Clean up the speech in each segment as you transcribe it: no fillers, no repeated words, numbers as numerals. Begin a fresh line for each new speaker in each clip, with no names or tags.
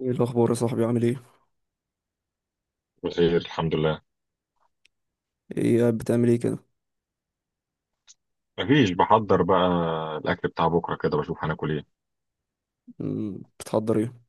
ايه الاخبار يا صاحبي، عامل ايه؟
بخير، الحمد لله.
ايه قاعد بتعمل ايه كده؟
مفيش، بحضر بقى الاكل بتاع بكره كده، بشوف هناكل ايه.
بتحضر ايه؟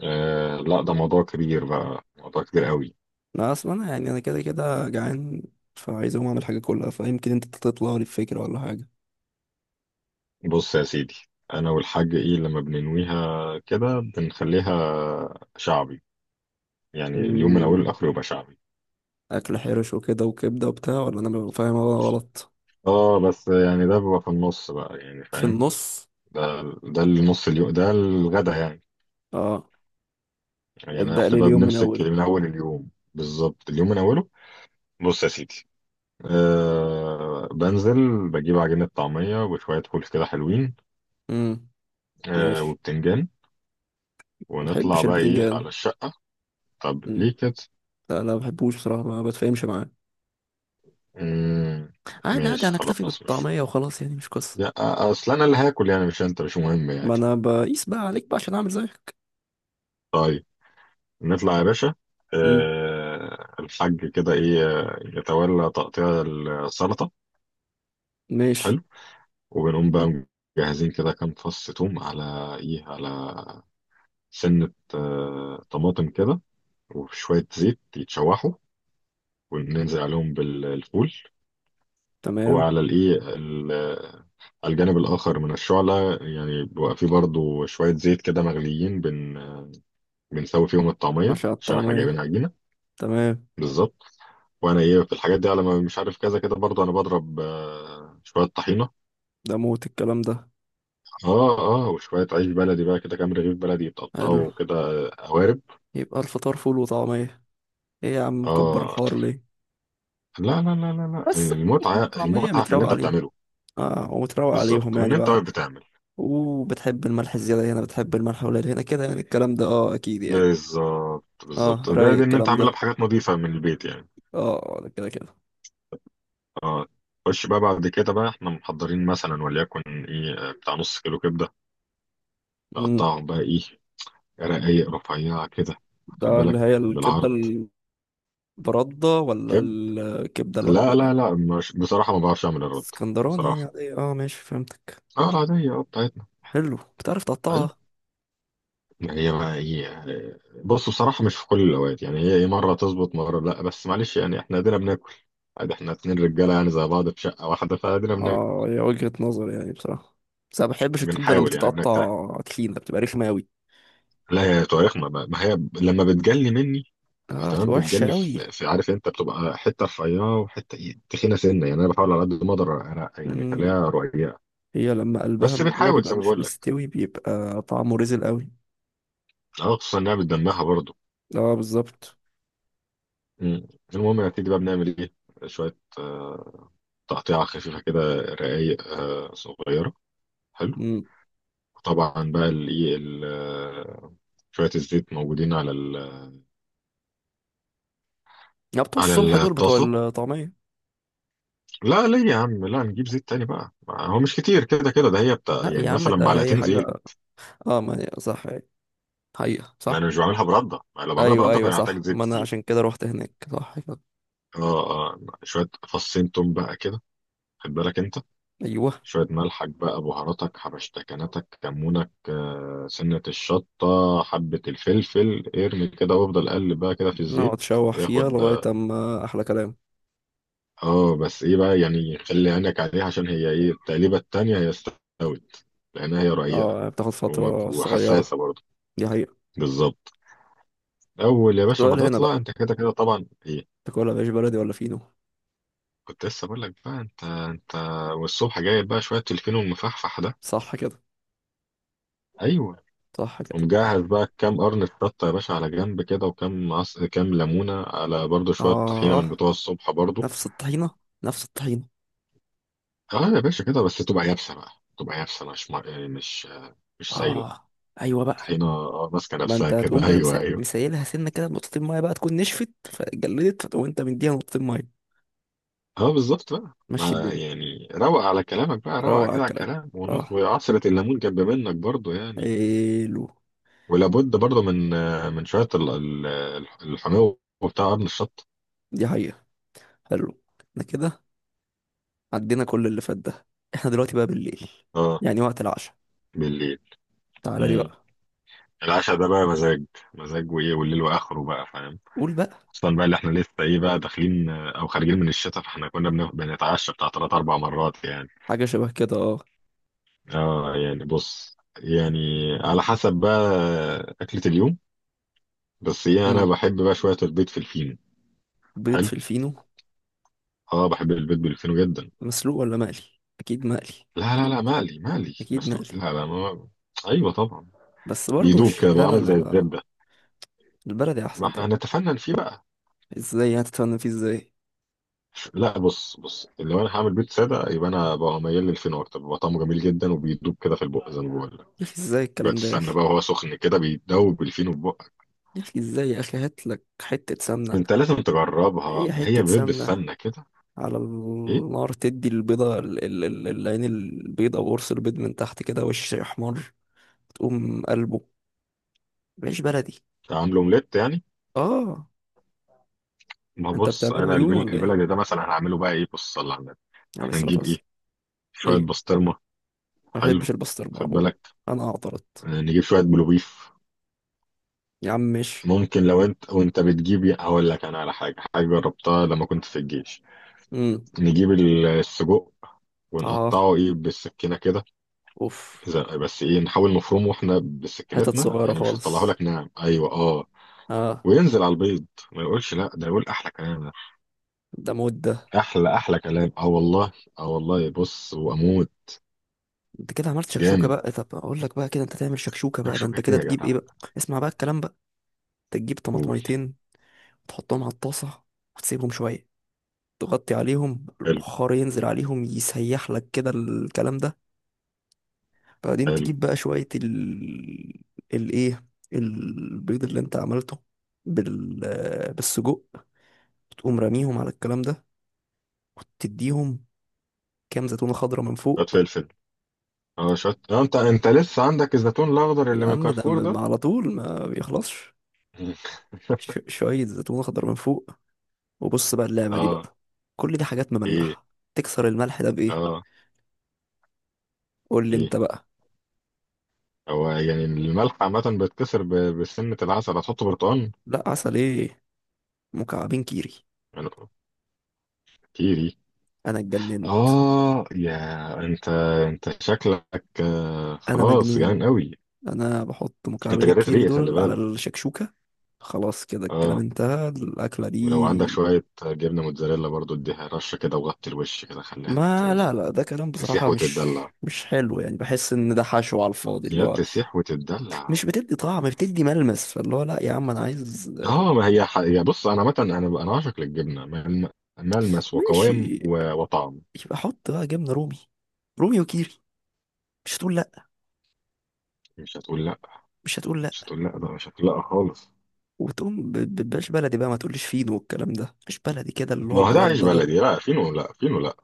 آه لا، ده موضوع كبير بقى، موضوع كبير قوي.
انا اصلا يعني انا كده كده جعان. فعايز اقوم اعمل حاجه كلها، فيمكن انت تطلع لي بفكره ولا حاجه.
بص يا سيدي، انا والحاج ايه لما بننويها كده بنخليها شعبي. يعني اليوم من اوله
مم،
لاخره يبقى شعبي.
اكل حرش وكده وكبده وبتاع، ولا انا ببقى فاهم أنا غلط؟
اه بس يعني ده بيبقى في النص بقى، يعني
في
فاهم.
النص.
ده ده النص اليوم، ده الغدا يعني.
اه،
يعني
ابدا لي
احنا بقى
اليوم من
بنمسك
اوله.
من اول اليوم بالظبط، اليوم من اوله. بص يا سيدي، أه بنزل بجيب عجينة طعمية وشوية فول كده حلوين.
امم.
أه
ماشي.
وبتنجان،
ما
ونطلع
بحبش
بقى إيه على
البتنجان.
الشقة. طب
مم.
ليه كده؟
لا ما بحبوش بصراحه، ما بتفاهمش معاه.
مم،
عادي عادي،
ماشي
هنكتفي
خلاص مش.
بالطعميه وخلاص، يعني مش قصه.
لا. أصل أنا اللي هاكل، يعني مش أنت، مش مهم يعني.
ما انا بقيس بقى عليك بقى عشان اعمل زيك.
طيب، نطلع يا باشا.
امم.
أه الحاج كده إيه يتولى تقطيع السلطة.
ماشي.
حلو، وبنقوم بقى. مجهزين كده كام فص توم، على إيه، على سنة طماطم كده، وشوية زيت يتشوحوا وننزل عليهم بالفول.
تمام.
وعلى الايه ال- على الجانب الاخر من الشعله، يعني بيبقى فيه برضو شويه زيت كده مغليين بن، بنسوي فيهم الطعميه
عشاء
عشان احنا جايبين
الطعمية.
عجينه.
تمام.
بالظبط. وانا ايه في الحاجات دي، على ما مش عارف كذا كده، برضو انا بضرب شويه طحينه.
ده موت الكلام ده.
اه، اه وشويه عيش بلدي بقى كده، كام رغيف بلدي
حلو.
يتقطعوا كده قوارب.
يبقى الفطار فول وطعمية. ايه يا عم، مكبر
اه،
الحوار ليه؟
لا لا لا لا لا،
بس. فول
المتعه
وطعمية
المتعه في اللي
متروق
انت
عليهم.
بتعمله.
اه، ومتروق
بالظبط،
عليهم
وان
يعني
انت
بقى.
واقف بتعمل.
وبتحب الملح الزيادة هنا، بتحب الملح قليل هنا كده، يعني الكلام ده اه اكيد يعني.
بالظبط
اه،
بالظبط،
رايق
زائد ان انت
الكلام
عاملها
ده.
بحاجات نظيفه من البيت يعني.
اه، ده كده كده.
اه، خش بقى بعد كده بقى، احنا محضرين مثلا وليكن ايه بتاع نص كيلو كبده،
امم.
نقطعهم بقى ايه، رقايق رفيعه كده. خد
ده اللي
بالك،
هي الكبدة.
بالعرض
البردة ولا
كده.
الكبدة
لا لا
ال-؟
لا، مش بصراحه، ما بعرفش اعمل الرد.
الاسكندراني يعني،
بصراحه
عادية، اه ماشي فهمتك.
اه، العاديه اه بتاعتنا.
حلو، بتعرف
حلو،
تقطعها.
هي بقى ايه، بص بصراحه مش في كل الاوقات يعني، هي ايه، مره تظبط مره لا، بس معلش يعني احنا ادينا بناكل عادي. احنا اتنين رجاله يعني زي بعض في شقه واحده، فادينا بناكل.
اه هي وجهة نظر يعني بصراحة. بس انا ما بحبش الكبدة لما
بنحاول يعني، بنجتهد.
بتتقطع تخينة بتبقى رخمة اوي.
لا، هي طريق ما هي، لما بتجلي مني.
اه بتبقى
تمام،
وحشة
بتجلي
اوي.
في عارف انت، بتبقى حته رفيعه وحته ايه تخينه سنه، يعني انا بحاول على قد ما اقدر أنا، يعني
مم.
اخليها رقيقه.
هي لما قلبها
بس
من جوه
بنحاول
بيبقى
زي ما
مش
بقول لك.
مستوي، بيبقى طعمه رزل اوي.
اه، خصوصا انها بتدمها برضه.
اه بالظبط.
مم. المهم، نتيجه بقى بنعمل ايه؟ شويه تقطيعه خفيفه كده، رقايق صغيره. حلو.
مم.
طبعا بقى الايه ال- آه، شويه الزيت موجودين على ال-،
يا بتوع الصبح
على
دول بتوع
الطاسه.
الطعمية.
لا ليه يا عم، لا نجيب زيت تاني بقى، ما هو مش كتير كده، كده ده هي بتاع
لا يا
يعني
عم،
مثلا
ده هي
معلقتين زيت.
حاجة. اه، ما هي صح. حقيقة
ما
صح.
انا مش بعملها برده، ما لو بعملها
ايوه
برده
ايوه
كنا هحتاج
صح،
زيت
ما انا
كتير.
عشان كده روحت هناك صح كده.
اه اه، شويه فصين توم بقى كده، خد بالك انت.
ايوه.
شويه ملحك بقى، بهاراتك، حبشتكناتك، كمونك، سنه الشطه، حبه الفلفل، ارمي كده وافضل قلب بقى كده في الزيت
نقعد نشوح فيها
ياخد.
لغاية اما احلى كلام.
اه بس ايه بقى يعني، خلي عينك عليها عشان هي ايه، التقليبه التانيه هي استوت، لانها هي رقيقه
اه، بتاخد فترة صغيرة.
وحساسه برضه.
دي حقيقة.
بالظبط. اول يا باشا ما
السؤال هنا
تطلع
بقى،
انت كده كده طبعا ايه،
تاكلها مش بلدي ولا فينو؟
كنت لسه بقول لك بقى انت. والصبح جايب بقى شويه تلفين ومفحفح ده.
صح كده.
ايوه.
صح كده.
ومجهز بقى كام قرن شطه يا باشا على جنب كده، كام ليمونه، على برضو شويه طحينه من
اه.
بتوع الصبح برضو.
نفس الطحينة. نفس الطحينة.
اه يا باشا كده، بس تبقى يابسه بقى، تبقى يابسه مش مع- يعني مش سايله.
اه. ايوه بقى.
هنا اه ماسكه
ما
نفسها
انت
كده
هتقوم بقى
ايوه ايوه.
مسيلها سنة كده بنقطتين مية، بقى تكون نشفت فجلدت، فتقوم انت مديها نقطتين مية.
اه بالظبط بقى،
مشي
ما
الدنيا.
يعني روق على كلامك بقى، روق
روق على
كده على
الكلام.
الكلام
اه.
وعصرة الليمون جنب منك برضو يعني.
حلو.
ولا بد برضه من من شويه الحموضه وبتاع ابن الشط.
دي حقيقة. حلو. احنا كده عدينا كل اللي فات ده. احنا دلوقتي بقى بالليل.
اه.
يعني وقت العشاء.
بالليل.
تعالى لي
مم.
بقى.
العشاء ده بقى مزاج، مزاج وايه، والليل واخره بقى فاهم.
قول بقى.
خصوصا بقى اللي احنا لسه ايه بقى داخلين او خارجين من الشتاء، فاحنا كنا بنتعشى بتاع ثلاث اربع مرات يعني.
حاجة شبه كده اه.
اه يعني بص يعني، على حسب بقى اكلة اليوم. بس ايه، انا
مم.
بحب بقى شويه البيض في الفينو.
بيض
حلو،
في الفينو.
اه بحب البيض بالفينو جدا.
مسلوق ولا مقلي؟ اكيد مقلي.
لا لا لا، مقلي مقلي،
اكيد
مسلوق
مقلي.
لا لا ما. ايوه طبعا.
بس برضه
بيدوب
مش،
كده بقى،
لا لا
عامل
لا
زي
لا.
الزبدة.
البلدي
ما
احسن
احنا
طبعا.
هنتفنن فيه بقى.
ازاي هتتفنن فيه ازاي؟
لا، بص بص، لو انا هعمل بيض ساده يبقى انا بقى ميال للفين اكتر، بيبقى طعمه جميل جدا وبيدوب كده في البق زي ما بقول لك.
يا اخي، ازاي
شويه
الكلام ده يا
السمنه
اخي؟
بقى وهو سخن كده، بيدوب الفينو في بقك.
يا اخي ازاي يا اخي، هات لك حته سمنه.
انت لازم تجربها،
ايه
ما هي
حته
بيض
سمنه؟
بالسمنه كده.
على
ايه.
النار تدي البيضه العين، البيضه او قرص البيض من تحت كده وش احمر. تقوم قلبه. عيش بلدي.
عامل اومليت يعني.
اه.
ما
انت
بص،
بتعمله
انا
عيون ولا ايه؟
البلد ده مثلا هعمله بقى ايه، بص صلى على النبي.
عليه
احنا
الصلاه
نجيب
والسلام.
ايه؟ شويه
ايه.
بسطرمه.
ما
حلو.
بحبش البسطرمه
خد
عموما.
بالك،
انا اعترضت.
اه، نجيب شويه بلوبيف.
يا عم مش.
ممكن لو انت وانت بتجيب، هقول لك انا على حاجه، حاجه جربتها لما كنت في الجيش.
امم.
نجيب السجق،
اه،
ونقطعه ايه بالسكينه كده.
اوف.
بس ايه، نحاول نفرمه احنا
حتت
بسكينتنا،
صغيره
يعني مش هطلعه
خالص.
لك ناعم، ايوه اه.
اه.
وينزل على البيض. ما يقولش لا، ده يقول احلى كلام ده.
ده مود ده.
احلى احلى كلام، اه والله. اه والله بص واموت.
انت كده عملت شكشوكه
جامد.
بقى، طب اقول لك بقى كده، انت تعمل شكشوكه بقى، ده انت
شكشوكة ايه
كده
يا
تجيب ايه
جدع؟
بقى؟ اسمع بقى الكلام بقى. انت تجيب
قول.
طماطميتين. تحطهم على الطاسه. وتسيبهم شويه. تغطي عليهم،
حلو.
البخار ينزل عليهم يسيح لك كده الكلام ده. بعدين
حلو.
تجيب بقى شويه ال الايه البيض اللي انت عملته بال بالسجق. تقوم راميهم على الكلام ده. وتديهم كام زيتونه خضراء من
شويه
فوق.
فلفل. اه شويه انت لسه عندك الزيتون الاخضر اللي
يا
من
عم ده
كارفور ده.
على طول ما بيخلصش. شوية زيتون أخضر من فوق. وبص بقى اللعبة دي
اه.
بقى. كل دي حاجات
ايه.
مملحة. تكسر الملح ده بإيه؟
اه.
قول لي
ايه.
أنت بقى.
هو يعني الملح عامة بتكسر بسنة العسل، هتحط برتقال.
لا، عسل إيه؟ مكعبين كيري.
انا. كتيري.
أنا اتجننت.
اه يا. انت. انت شكلك
أنا
خلاص
مجنون.
جعان قوي.
أنا بحط
انت
مكعبين
جريت
الكيري
ريقي، خلي
دول على
بالك.
الشكشوكة. خلاص كده، الكلام
اه.
انتهى الأكلة
ولو عندك
دي.
شوية جبنة موتزاريلا برضو، اديها رشة كده وغطي الوش كده، خليها
ما لا لا، ده كلام
تسيح
بصراحة، مش
وتتدلع.
مش حلو يعني، بحس إن ده حشو على الفاضي اللي
يا
هو
بتسيح وتتدلع.
مش بتدي طعم، بتدي ملمس، فاللي هو لا يا عم أنا عايز.
اه، ما هي يا بص، انا عامة، انا عاشق للجبنة ملمس وقوام
ماشي.
وطعم.
يبقى حط بقى جبنة رومي. رومي وكيري. مش هتقول لا.
مش هتقول لا.
مش هتقول
مش
لا.
هتقول لا، ده مش هتقول لا خالص.
وتقوم باش بلدي بقى، ما تقوليش فينو والكلام ده مش بلدي كده اللي هو
ما هو ده عيش
برده ده.
بلدي، لا فينه لا فينه لا.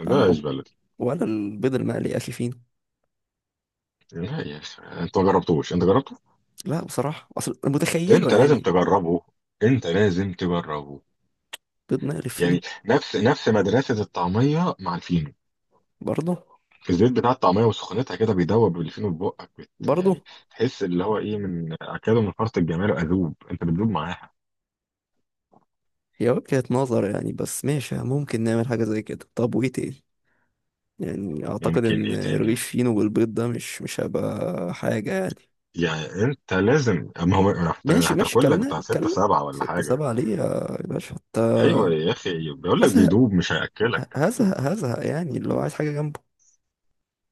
ده عيش
اه.
بلدي.
ولا البيض المقلي يا اخي فينو.
لا يا أخي، انت ما جربتوش، انت جربت؟
لا بصراحه، اصل متخيله
انت لازم
يعني.
تجربه. انت لازم تجربه.
بيض مقلي فينو.
يعني نفس نفس مدرسة الطعمية مع الفينو،
برضه.
في الزيت بتاع الطعمية وسخونتها كده، بيدوب الفينو في بقك يعني،
برضه.
تحس اللي هو ايه من اكله، من فرط الجمال اذوب، انت بتذوب معاها.
هي وجهة نظر يعني، بس ماشي، ممكن نعمل حاجه زي كده، طب وايه تاني؟ يعني اعتقد
ممكن
ان
ايه تاني؟
رغيف فينو والبيض ده مش هيبقى حاجه يعني.
يعني انت لازم، اما هو
ماشي ماشي،
هتاكل لك
كلنا
بتاع ستة
كلنا.
سبعة ولا
ستة
حاجة.
سبعة ليه يا باشا انت؟
ايوه يا اخي، بيقول لك
هزهق
بيدوب، مش هياكلك.
هزهق هزهق يعني، اللي هو عايز حاجة جنبه.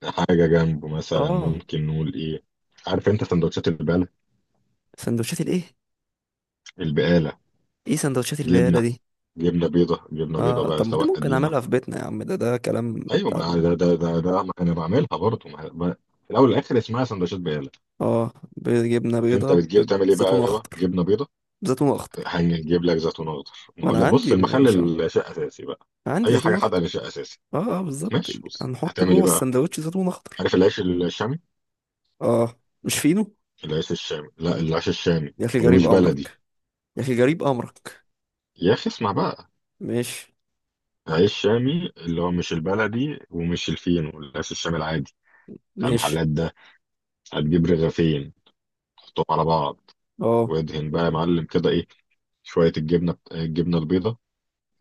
حاجة جنبه مثلا
اه.
ممكن نقول ايه؟ عارف انت سندوتشات البقال.
سندوتشات الايه؟
البقال،
ايه سندوتشات البقاله
جبنه،
دي؟
جبنه بيضه جبنه بيضه
اه،
بقى،
طب ما دي
سواء
ممكن
قديمه.
اعملها في بيتنا يا عم، ده كلام
ايوه، ما
تعبان.
ده ده ما انا بعملها برضه في الاول والاخر اسمها سندوتشات بقاله.
اه، جبنه
انت
بيضه
بتجيب تعمل ايه بقى
بزيتون
يابا،
اخضر.
جبنه بيضه.
زيتون اخضر.
هنجيب لك زيتون اخضر. ما
ما
هو
انا
لا بص،
عندي مش
المخلل شيء اساسي بقى.
عندي
اي
زيتون
حاجه حادقه ده
اخضر.
شيء اساسي.
اه اه بالظبط.
ماشي بص،
هنحط
هتعمل ايه
جوه
بقى؟
السندوتش زيتون اخضر.
عارف العيش الشامي.
اه، مش فينو.
العيش الشامي لا، العيش الشامي،
يا اخي جريب
ومش بلدي.
امرك. يا اخي جريب امرك.
يا اخي اسمع بقى.
ماشي.
عيش شامي اللي هو مش البلدي ومش الفينو، العيش الشامي العادي بتاع
ماشي.
المحلات ده. هتجيب رغيفين، تحطهم على بعض،
اه
وادهن بقى يا معلم كده ايه، شويه الجبنه البيضه،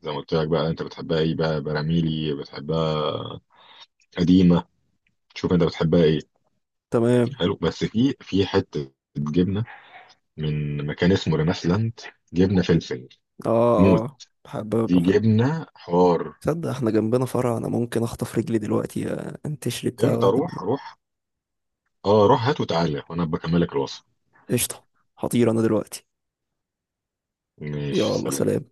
زي ما قلت لك بقى، انت بتحبها ايه بقى، براميلي، بتحبها قديمه، شوف انت بتحبها ايه.
تمام.
حلو، بس في حته جبنه من مكان اسمه ريناسلاند، جبنه فلفل
اه
موت.
اه بحب
دي
بحب.
جبنه حار.
تصدق احنا جنبنا فرع، انا ممكن اخطف رجلي دلوقتي انتشري بتاع
انت
واحده.
روح روح. اه روح هات وتعالى وانا بكملك الوصف.
قشطة. هطير أنا دلوقتي.
ماشي،
يلا
سلام.
سلام.